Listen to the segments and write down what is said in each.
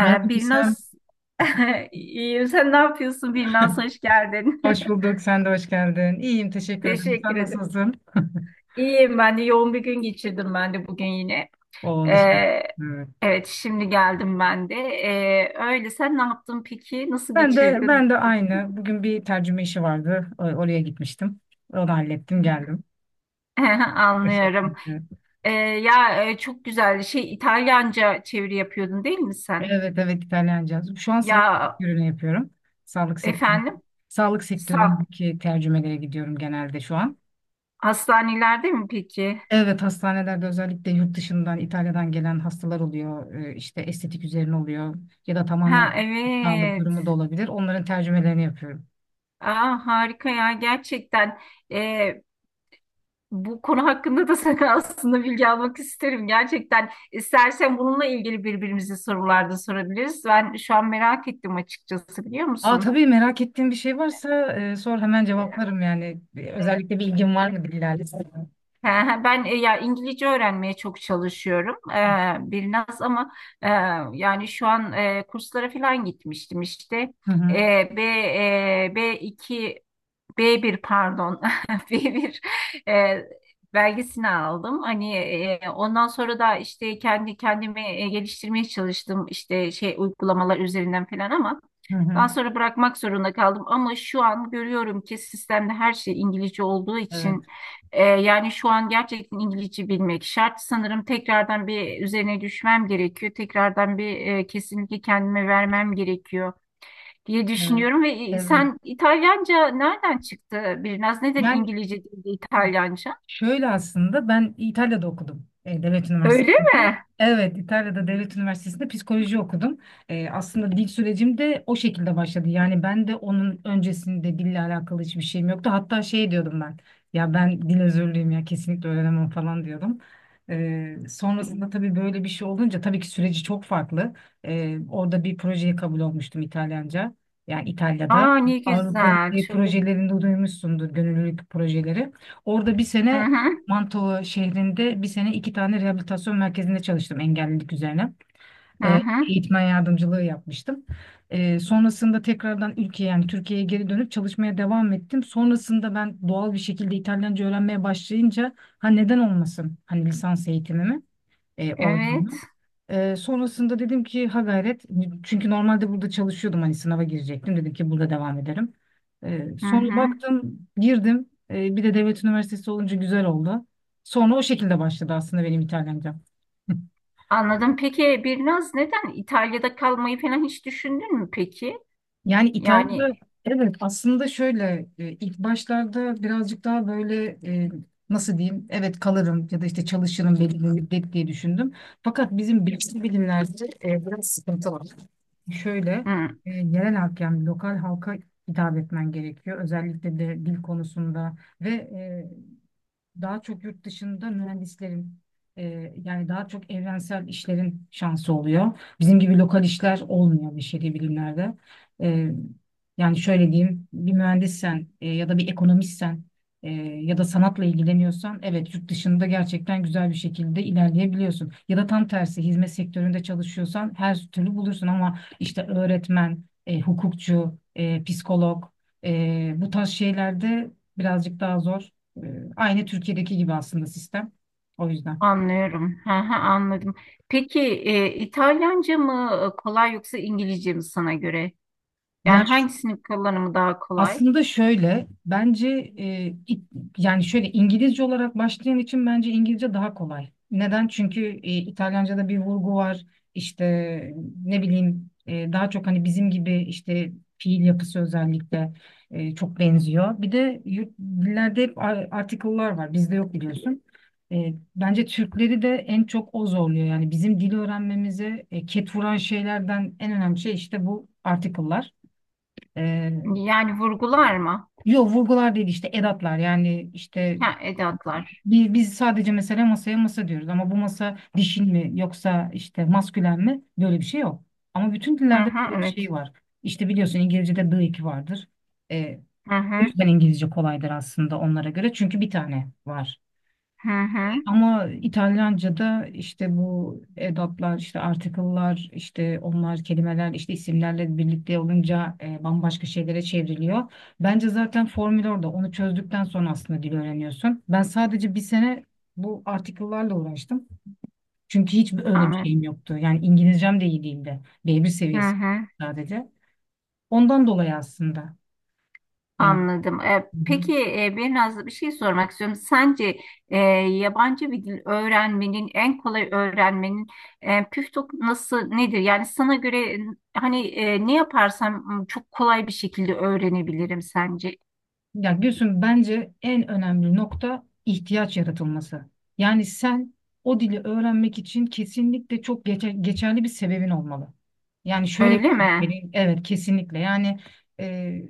Merhaba Gülsüm. Birnaz, iyiyim. Sen ne yapıyorsun Birnaz? Hoş geldin. Hoş bulduk. Sen de hoş geldin. İyiyim. Teşekkür ederim. Teşekkür Sen ederim. nasılsın? İyiyim ben de. Yoğun bir gün geçirdim ben de bugün yine. O dışarı. Ee, Evet. evet, şimdi geldim ben de. Öyle. Sen ne yaptın peki? Nasıl Ben de geçirdin ben de bugün? aynı. Bugün bir tercüme işi vardı. Oraya gitmiştim. Onu hallettim, geldim. O Anlıyorum. şekilde. Ya, çok güzel. Şey, İtalyanca çeviri yapıyordun değil mi sen? Evet evet, İtalyanca. Şu an sağlık Ya, sektörünü yapıyorum. Sağlık sektörü. efendim? Sağlık Sağ. sektöründeki tercümelere gidiyorum genelde şu an. Hastanelerde mi peki? Evet, hastanelerde özellikle yurt dışından, İtalya'dan gelen hastalar oluyor. İşte estetik üzerine oluyor ya da Ha, tamamen sağlık evet. durumu da olabilir. Onların tercümelerini yapıyorum. Aa, harika ya, gerçekten. Ee, Bu konu hakkında da sana aslında bilgi almak isterim, gerçekten istersen bununla ilgili birbirimize sorularda sorabiliriz. Ben şu an merak ettim açıkçası, biliyor Aa, musun? tabii, merak ettiğin bir şey varsa sor, hemen cevaplarım yani. Özellikle bir ilgin var mı dillerle? He, he, ben ya İngilizce öğrenmeye çok çalışıyorum biraz, ama e, yani şu an kurslara falan gitmiştim işte. Hı E, hı. B2, b bir, pardon, b bir e, belgesini aldım. Hani ondan sonra da işte kendi kendimi geliştirmeye çalıştım işte şey uygulamalar üzerinden falan, ama Hı hı. daha sonra bırakmak zorunda kaldım. Ama şu an görüyorum ki sistemde her şey İngilizce olduğu için Evet. Yani şu an gerçekten İngilizce bilmek şart. Sanırım tekrardan bir üzerine düşmem gerekiyor. Tekrardan bir kesinlikle kendime vermem gerekiyor diye Evet. düşünüyorum. Ve Evet. sen İtalyanca nereden çıktı? Biraz neden Yani İngilizce değil de İtalyanca? şöyle, aslında ben İtalya'da okudum, devlet Öyle üniversitesinde. mi? Evet, İtalya'da devlet üniversitesinde psikoloji okudum. Aslında dil sürecim de o şekilde başladı. Yani ben de onun öncesinde dille alakalı hiçbir şeyim yoktu. Hatta şey diyordum ben, ya ben dil özürlüyüm ya, kesinlikle öğrenemem falan diyordum. Sonrasında tabii böyle bir şey olunca tabii ki süreci çok farklı. Orada bir projeye kabul olmuştum, İtalyanca. Yani İtalya'da, Aa, ne Avrupa güzel. Birliği Çok. projelerinde duymuşsundur, gönüllülük projeleri. Orada bir Hı sene, hı. Manto şehrinde bir sene 2 tane rehabilitasyon merkezinde çalıştım, engellilik üzerine. Hı Ee, hı. eğitmen yardımcılığı yapmıştım. Sonrasında tekrardan ülkeye, yani Türkiye'ye geri dönüp çalışmaya devam ettim. Sonrasında ben doğal bir şekilde İtalyanca öğrenmeye başlayınca, ha, neden olmasın, hani lisans eğitimimi oradan da. Evet. Sonrasında dedim ki, ha, gayret, çünkü normalde burada çalışıyordum, hani sınava girecektim, dedim ki burada devam ederim. Ee, Hı sonra hı. baktım, girdim. Bir de devlet üniversitesi olunca güzel oldu. Sonra o şekilde başladı aslında benim İtalyanca. Anladım. Peki Birnaz, neden İtalya'da kalmayı falan hiç düşündün mü peki? Yani Yani, İtalya'da, evet, aslında şöyle, ilk başlarda birazcık daha böyle, e, nasıl diyeyim, evet, kalırım ya da işte çalışırım belli bir müddet diye düşündüm. Fakat bizim bilgi bilimlerde biraz sıkıntı var. Şöyle, hı, yerel halk, yani lokal halka hitap etmen gerekiyor. Özellikle de dil konusunda, ve daha çok yurt dışında mühendislerin, yani daha çok evrensel işlerin şansı oluyor. Bizim gibi lokal işler olmuyor beşeri bilimlerde. E, yani şöyle diyeyim, bir mühendissen ya da bir ekonomistsen e, ya da sanatla ilgileniyorsan, evet, yurt dışında gerçekten güzel bir şekilde ilerleyebiliyorsun. Ya da tam tersi, hizmet sektöründe çalışıyorsan her türlü bulursun, ama işte öğretmen, hukukçu, psikolog, bu tarz şeylerde birazcık daha zor. Aynı Türkiye'deki gibi aslında sistem. O yüzden. anlıyorum. Hı hı, anladım. Peki İtalyanca mı kolay, yoksa İngilizce mi sana göre? Yani, Ya, hangisinin kullanımı daha kolay? aslında şöyle, bence e, it- yani şöyle, İngilizce olarak başlayan için bence İngilizce daha kolay. Neden? Çünkü İtalyanca'da bir vurgu var. İşte, ne bileyim, daha çok hani bizim gibi işte fiil yapısı özellikle çok benziyor. Bir de yurt, dillerde hep article'lar var. Bizde yok, biliyorsun. Bence Türkleri de en çok o zorluyor. Yani bizim dil öğrenmemize ket vuran şeylerden en önemli şey işte bu article'lar. E, Yani, vurgular mı? Yok vurgular değil, işte edatlar, yani işte Ha, edatlar. Biz sadece mesela masaya masa diyoruz, ama bu masa dişil mi yoksa işte maskülen mi, böyle bir şey yok. Ama bütün Hı dillerde hı, böyle bir evet. şey var. İşte biliyorsun, İngilizce'de the iki vardır. Ee, Hı o hı, yüzden İngilizce kolaydır aslında onlara göre, çünkü bir tane var. hı hı. Ama İtalyanca'da işte bu edatlar, işte article'lar, işte onlar kelimeler, işte isimlerle birlikte olunca bambaşka şeylere çevriliyor. Bence zaten formül orada. Onu çözdükten sonra aslında dil öğreniyorsun. Ben sadece bir sene bu article'larla uğraştım. Çünkü hiç öyle bir Anladım. şeyim yoktu. Yani İngilizcem de iyi değildi. B1 Hı seviyesi hı, sadece. Ondan dolayı aslında. Yani. anladım. Peki, bir Nazlı, bir şey sormak istiyorum. Sence yabancı bir dil öğrenmenin, en kolay öğrenmenin püf noktası nasıl, nedir? Yani sana göre hani ne yaparsam çok kolay bir şekilde öğrenebilirim sence. Ya Gülsüm, bence en önemli nokta ihtiyaç yaratılması. Yani sen o dili öğrenmek için kesinlikle çok geçerli bir sebebin olmalı. Yani şöyle bir Öyle mi? Evet, kesinlikle, yani, e,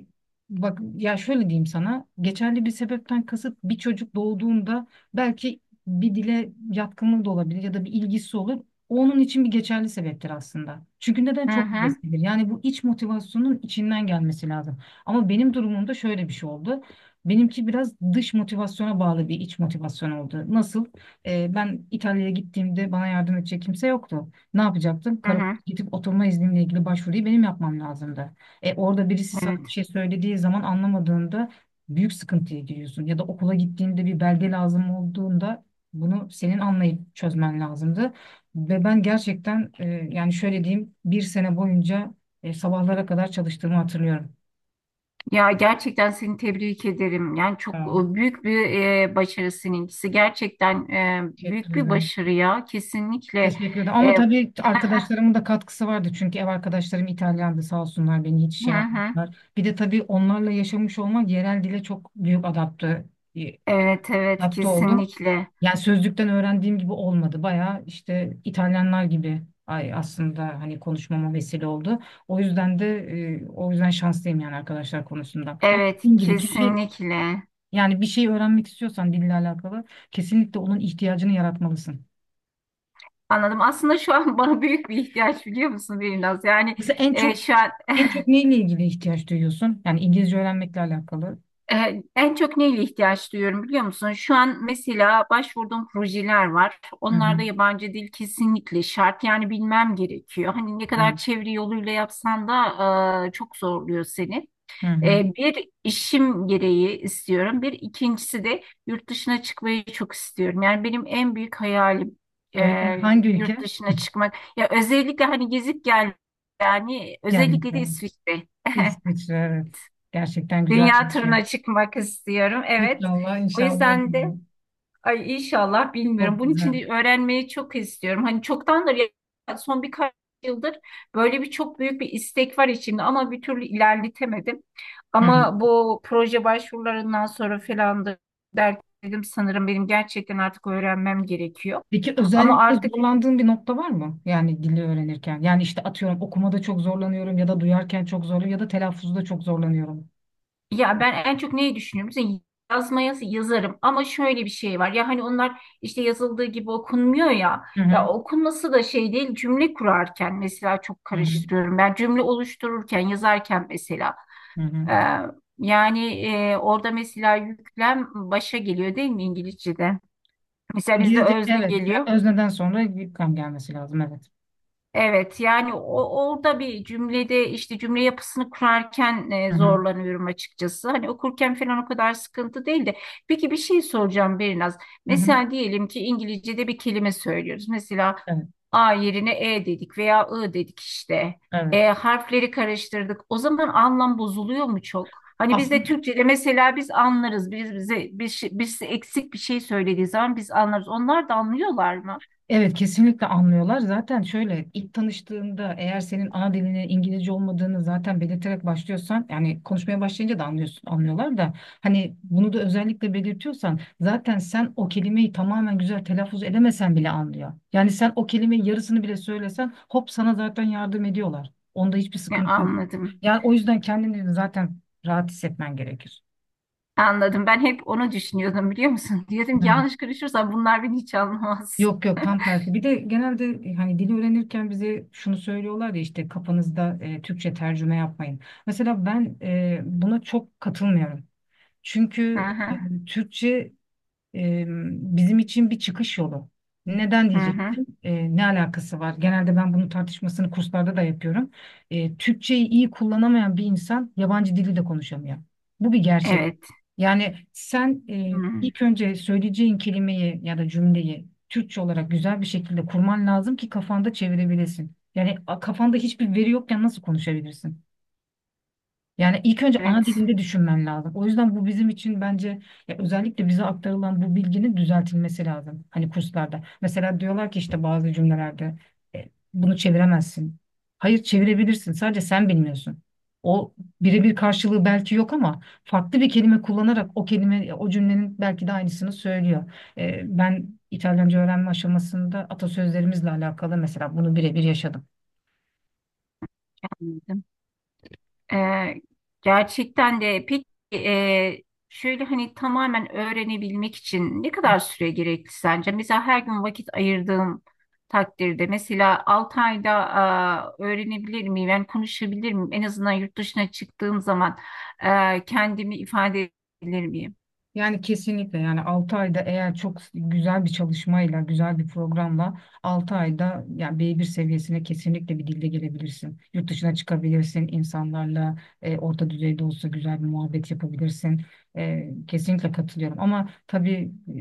bak ya, şöyle diyeyim sana, geçerli bir sebepten kasıt: bir çocuk doğduğunda belki bir dile yatkınlığı da olabilir ya da bir ilgisi olur. O onun için bir geçerli sebeptir aslında. Çünkü neden? Hı Çok hı, heveslidir. Yani bu iç motivasyonun içinden gelmesi lazım. Ama benim durumumda şöyle bir şey oldu. Benimki biraz dış motivasyona bağlı bir iç motivasyon oldu. Nasıl? Ben İtalya'ya gittiğimde bana yardım edecek kimse yoktu. Ne yapacaktım? hı Karakola hı. gidip oturma iznimle ilgili başvuruyu benim yapmam lazımdı. Orada birisi sana Evet. bir şey söylediği zaman anlamadığında büyük sıkıntıya giriyorsun. Ya da okula gittiğinde bir belge lazım olduğunda, bunu senin anlayıp çözmen lazımdı. Ve ben gerçekten, yani şöyle diyeyim, bir sene boyunca sabahlara kadar çalıştığımı hatırlıyorum. Ya, gerçekten seni tebrik ederim. Yani çok Ha. Büyük bir başarı seninkisi. Gerçekten Teşekkür büyük bir ederim. başarı ya. Kesinlikle. Teşekkür ederim. E, Ama tabii arkadaşlarımın da katkısı vardı. Çünkü ev arkadaşlarım İtalyandı, sağ olsunlar beni hiç şey hı hı. yapmadılar. Bir de tabii onlarla yaşamış olmak, yerel dile çok büyük e, Evet, evet, adapte oldum. kesinlikle. Yani sözlükten öğrendiğim gibi olmadı. Bayağı işte İtalyanlar gibi, ay, aslında hani konuşmama vesile oldu. O yüzden de o yüzden şanslıyım, yani, arkadaşlar konusunda. Ama Evet, dediğim gibi, kişi, kesinlikle. yani, bir şey öğrenmek istiyorsan dille alakalı, kesinlikle onun ihtiyacını yaratmalısın. Anladım. Aslında şu an bana büyük bir ihtiyaç, biliyor musun, biraz. Yani Mesela en çok şu an en çok neyle ilgili ihtiyaç duyuyorsun? Yani İngilizce öğrenmekle alakalı. En çok neyle ihtiyaç duyuyorum biliyor musun? Şu an mesela başvurduğum projeler var. Hı Onlarda hı. yabancı dil kesinlikle şart. Yani bilmem gerekiyor. Hani ne kadar Evet. çeviri yoluyla yapsan da çok zorluyor seni. Hı hı. Bir, işim gereği istiyorum. Bir ikincisi de yurt dışına çıkmayı çok istiyorum. Yani benim en büyük hayalim e, Öyle mi? Hangi ülke? yurt dışına çıkmak. Ya özellikle hani gezip gel, yani Gelmek özellikle de lazım. İsviçre. İsviçre, evet. Gerçekten güzel Dünya bir ülke. turuna çıkmak istiyorum. Evet. İnşallah O inşallah olur. yüzden de Yani. ay inşallah, Çok bilmiyorum. Bunun için güzel. de öğrenmeyi çok istiyorum. Hani çoktandır, son birkaç yıldır böyle bir çok büyük bir istek var içimde, ama bir türlü ilerletemedim. Hı hı. Ama bu proje başvurularından sonra falan da dert dedim, sanırım benim gerçekten artık öğrenmem gerekiyor. Peki Ama özellikle artık, zorlandığın bir nokta var mı? Yani dili öğrenirken. Yani işte, atıyorum, okumada çok zorlanıyorum ya da duyarken çok zorlanıyorum ya da telaffuzda çok zorlanıyorum. ya ben en çok neyi düşünüyorum? Mesela yazmaya yazarım, ama şöyle bir şey var. Ya hani onlar işte yazıldığı gibi okunmuyor ya. Hı hı. Ya okunması da şey değil, cümle kurarken mesela çok Hı hı. karıştırıyorum. Ben cümle oluştururken, yazarken mesela Hı hı. e, yani orada mesela yüklem başa geliyor, değil mi İngilizce'de? Mesela bizde İngilizce, özne evet. geliyor. Yani özneden sonra bir kam gelmesi lazım, evet. Evet, yani orada, bir cümlede işte cümle yapısını kurarken Hı hı. zorlanıyorum açıkçası. Hani okurken falan o kadar sıkıntı değil de. Peki bir şey soracağım Berinaz. Hı hı. Mesela diyelim ki İngilizce'de bir kelime söylüyoruz. Mesela Evet, A yerine E dedik veya I dedik işte. evet. Harfleri karıştırdık. O zaman anlam bozuluyor mu çok? Hani biz de Aslında, Türkçe'de mesela biz anlarız. Biz bize birisi eksik bir şey söylediği zaman biz anlarız. Onlar da anlıyorlar mı? evet, kesinlikle anlıyorlar. Zaten şöyle, ilk tanıştığında eğer senin ana dilinin İngilizce olmadığını zaten belirterek başlıyorsan, yani konuşmaya başlayınca da anlıyorsun, anlıyorlar da, hani bunu da özellikle belirtiyorsan, zaten sen o kelimeyi tamamen güzel telaffuz edemesen bile anlıyor. Yani sen o kelimenin yarısını bile söylesen, hop, sana zaten yardım ediyorlar. Onda hiçbir Ne, sıkıntı yok. anladım. Yani o yüzden kendini de zaten rahat hissetmen gerekir. Anladım. Ben hep onu düşünüyordum, biliyor musun? Diyordum ki yanlış konuşursam bunlar beni hiç anlamaz. Yok yok, tam tersi. Bir de genelde hani dili öğrenirken bize şunu söylüyorlar ya, işte kafanızda Türkçe tercüme yapmayın. Mesela ben buna çok katılmıyorum. Hı Çünkü hı. Türkçe e, bizim için bir çıkış yolu. Neden Hı hı. diyeceksin? Ne alakası var? Genelde ben bunun tartışmasını kurslarda da yapıyorum. Türkçeyi iyi kullanamayan bir insan yabancı dili de konuşamıyor. Bu bir gerçek. Evet. Yani sen Hı. ilk önce söyleyeceğin kelimeyi ya da cümleyi Türkçe olarak güzel bir şekilde kurman lazım ki kafanda çevirebilesin. Yani, kafanda hiçbir veri yokken nasıl konuşabilirsin? Yani ilk önce ana Evet. dilinde düşünmen lazım. O yüzden bu bizim için, bence, ya, özellikle bize aktarılan bu bilginin düzeltilmesi lazım. Hani kurslarda. Mesela diyorlar ki, işte bazı cümlelerde e, bunu çeviremezsin. Hayır, çevirebilirsin. Sadece sen bilmiyorsun. O birebir karşılığı belki yok, ama farklı bir kelime kullanarak o kelime o cümlenin belki de aynısını söylüyor. Ben İtalyanca öğrenme aşamasında atasözlerimizle alakalı mesela bunu birebir yaşadım. Anladım. Ee, gerçekten de, peki e, şöyle hani tamamen öğrenebilmek için ne kadar süre gerekli sence? Mesela her gün vakit ayırdığım takdirde, mesela 6 ayda, öğrenebilir miyim? Yani konuşabilir miyim? En azından yurt dışına çıktığım zaman kendimi ifade edebilir miyim? Yani kesinlikle, yani 6 ayda, eğer çok güzel bir çalışmayla, güzel bir programla 6 ayda yani B1 seviyesine kesinlikle bir dilde gelebilirsin. Yurt dışına çıkabilirsin, insanlarla orta düzeyde olsa güzel bir muhabbet yapabilirsin. Kesinlikle katılıyorum, ama tabii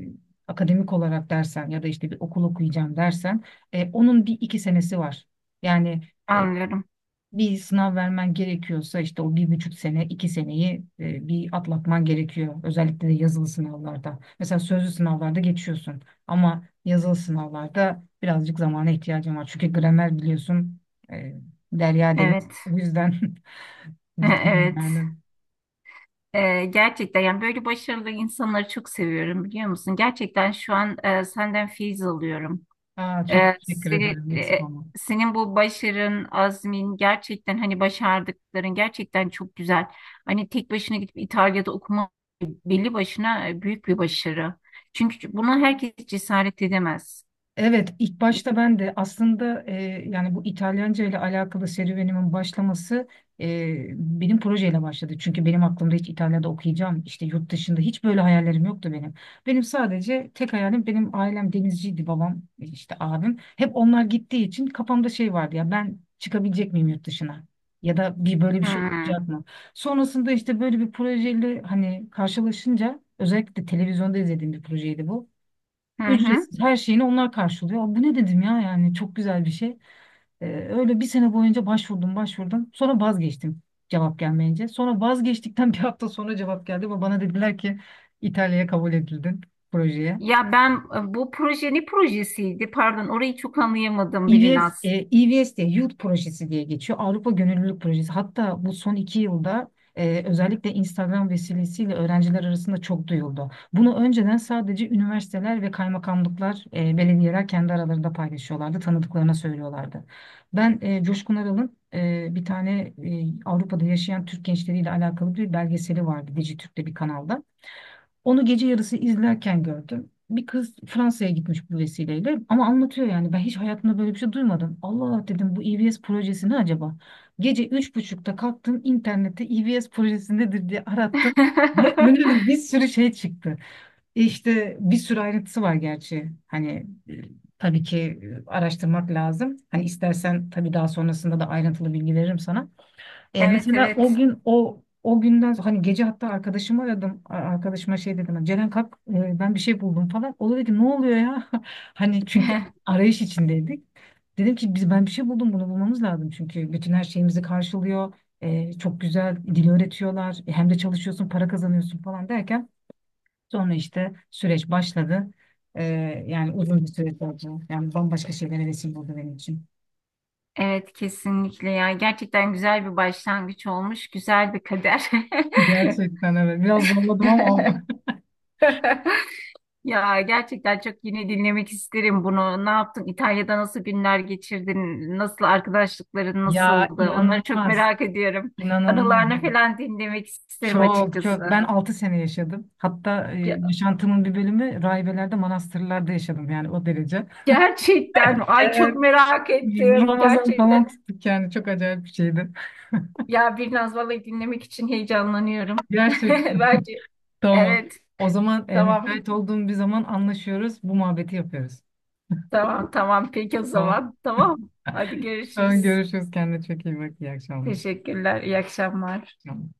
akademik olarak dersen ya da işte bir okul okuyacağım dersen onun bir iki senesi var. Yani e, Anlıyorum. bir sınav vermen gerekiyorsa işte o 1,5 sene, 2 seneyi bir atlatman gerekiyor. Özellikle de yazılı sınavlarda. Mesela sözlü sınavlarda geçiyorsun, ama yazılı sınavlarda birazcık zamana ihtiyacın var. Çünkü gramer, biliyorsun, e, derya deniz. Evet. O yüzden bitmiyor evet. yani. Gerçekten, yani böyle başarılı insanları çok seviyorum, biliyor musun? Gerçekten şu an senden feyiz alıyorum. Aa, çok Ee, teşekkür seni, ederim. Eksik e, olma. senin bu başarın, azmin, gerçekten hani başardıkların gerçekten çok güzel. Hani tek başına gidip İtalya'da okuma, belli başına büyük bir başarı. Çünkü buna herkes cesaret edemez. Evet, ilk başta ben de aslında, yani bu İtalyanca ile alakalı serüvenimin başlaması e, benim projeyle başladı. Çünkü benim aklımda hiç İtalya'da okuyacağım, işte yurt dışında hiç böyle hayallerim yoktu benim. Benim sadece tek hayalim, benim ailem denizciydi, babam, işte abim. Hep onlar gittiği için kafamda şey vardı, ya ben çıkabilecek miyim yurt dışına? Ya da bir böyle bir şey Hmm. olacak mı? Sonrasında işte böyle bir projeyle hani karşılaşınca, özellikle televizyonda izlediğim bir projeydi bu. Hı hı. Ücretsiz, her şeyini onlar karşılıyor. Bu ne dedim ya, yani çok güzel bir şey. Öyle bir sene boyunca başvurdum başvurdum. Sonra vazgeçtim, cevap gelmeyince. Sonra vazgeçtikten bir hafta sonra cevap geldi ve bana dediler ki, İtalya'ya kabul edildin projeye. Ya ben bu proje ne projesiydi? Pardon, orayı çok anlayamadım EVS, Birinaz. EVS diye Youth Projesi diye geçiyor. Avrupa Gönüllülük Projesi. Hatta bu son 2 yılda özellikle Instagram vesilesiyle öğrenciler arasında çok duyuldu. Bunu önceden sadece üniversiteler ve kaymakamlıklar, belediyeler kendi aralarında paylaşıyorlardı, tanıdıklarına söylüyorlardı. Ben Coşkun Aral'ın bir tane Avrupa'da yaşayan Türk gençleriyle alakalı bir belgeseli vardı Dijitürk'te bir kanalda. Onu gece yarısı izlerken gördüm. Bir kız Fransa'ya gitmiş bu vesileyle, ama anlatıyor, yani ben hiç hayatımda böyle bir şey duymadım. Allah Allah dedim, bu EVS projesi ne acaba? Gece 03.30'da kalktım, internette EVS projesi nedir diye arattım. Ve önüme bir sürü şey çıktı. İşte bir sürü ayrıntısı var gerçi. Hani tabii ki araştırmak lazım. Hani istersen tabii daha sonrasında da ayrıntılı bilgi veririm sana. Evet, Mesela o evet. gün o günden sonra, hani gece hatta arkadaşımı aradım. Arkadaşıma şey dedim. "Hani Ceren, kalk, ben bir şey buldum falan." O da dedi ki, "Ne oluyor ya?" Hani, çünkü arayış içindeydik. Dedim ki, biz, ben bir şey buldum, bunu bulmamız lazım. Çünkü bütün her şeyimizi karşılıyor. Çok güzel dil öğretiyorlar. Hem de çalışıyorsun, para kazanıyorsun falan derken sonra işte süreç başladı. E, yani uzun bir süreç oldu. Yani bambaşka şeylere vesile oldu benim için. Evet, kesinlikle ya. Gerçekten güzel bir başlangıç olmuş. Güzel bir kader. Gerçekten, evet. Biraz zorladım, ama oldu. Ya gerçekten çok yine dinlemek isterim bunu. Ne yaptın? İtalya'da nasıl günler geçirdin? Nasıl, arkadaşlıkların Ya, nasıldı? Onları çok inanılmaz. merak ediyorum. İnanılmaz. Anılarını falan dinlemek isterim Çok çok. açıkçası. Ben 6 sene yaşadım. Hatta Ge- yaşantımın bir bölümü rahibelerde, manastırlarda yaşadım, yani o derece. Gerçekten mi? Ay, çok Evet. merak ettim. Ramazan Gerçekten falan tuttuk, yani çok acayip bir şeydi. ya, bir Vallahi dinlemek için heyecanlanıyorum. Gerçekten, Bence tamam. evet, O zaman tamam. müsait olduğum bir zaman anlaşıyoruz. Bu muhabbeti yapıyoruz. Tamam, tamam, peki o Tamam. zaman. Tamam. Hadi Tamam, görüşürüz. görüşürüz. Kendine çok iyi bak. İyi akşamlar. Teşekkürler. İyi akşamlar. İyi akşamlar.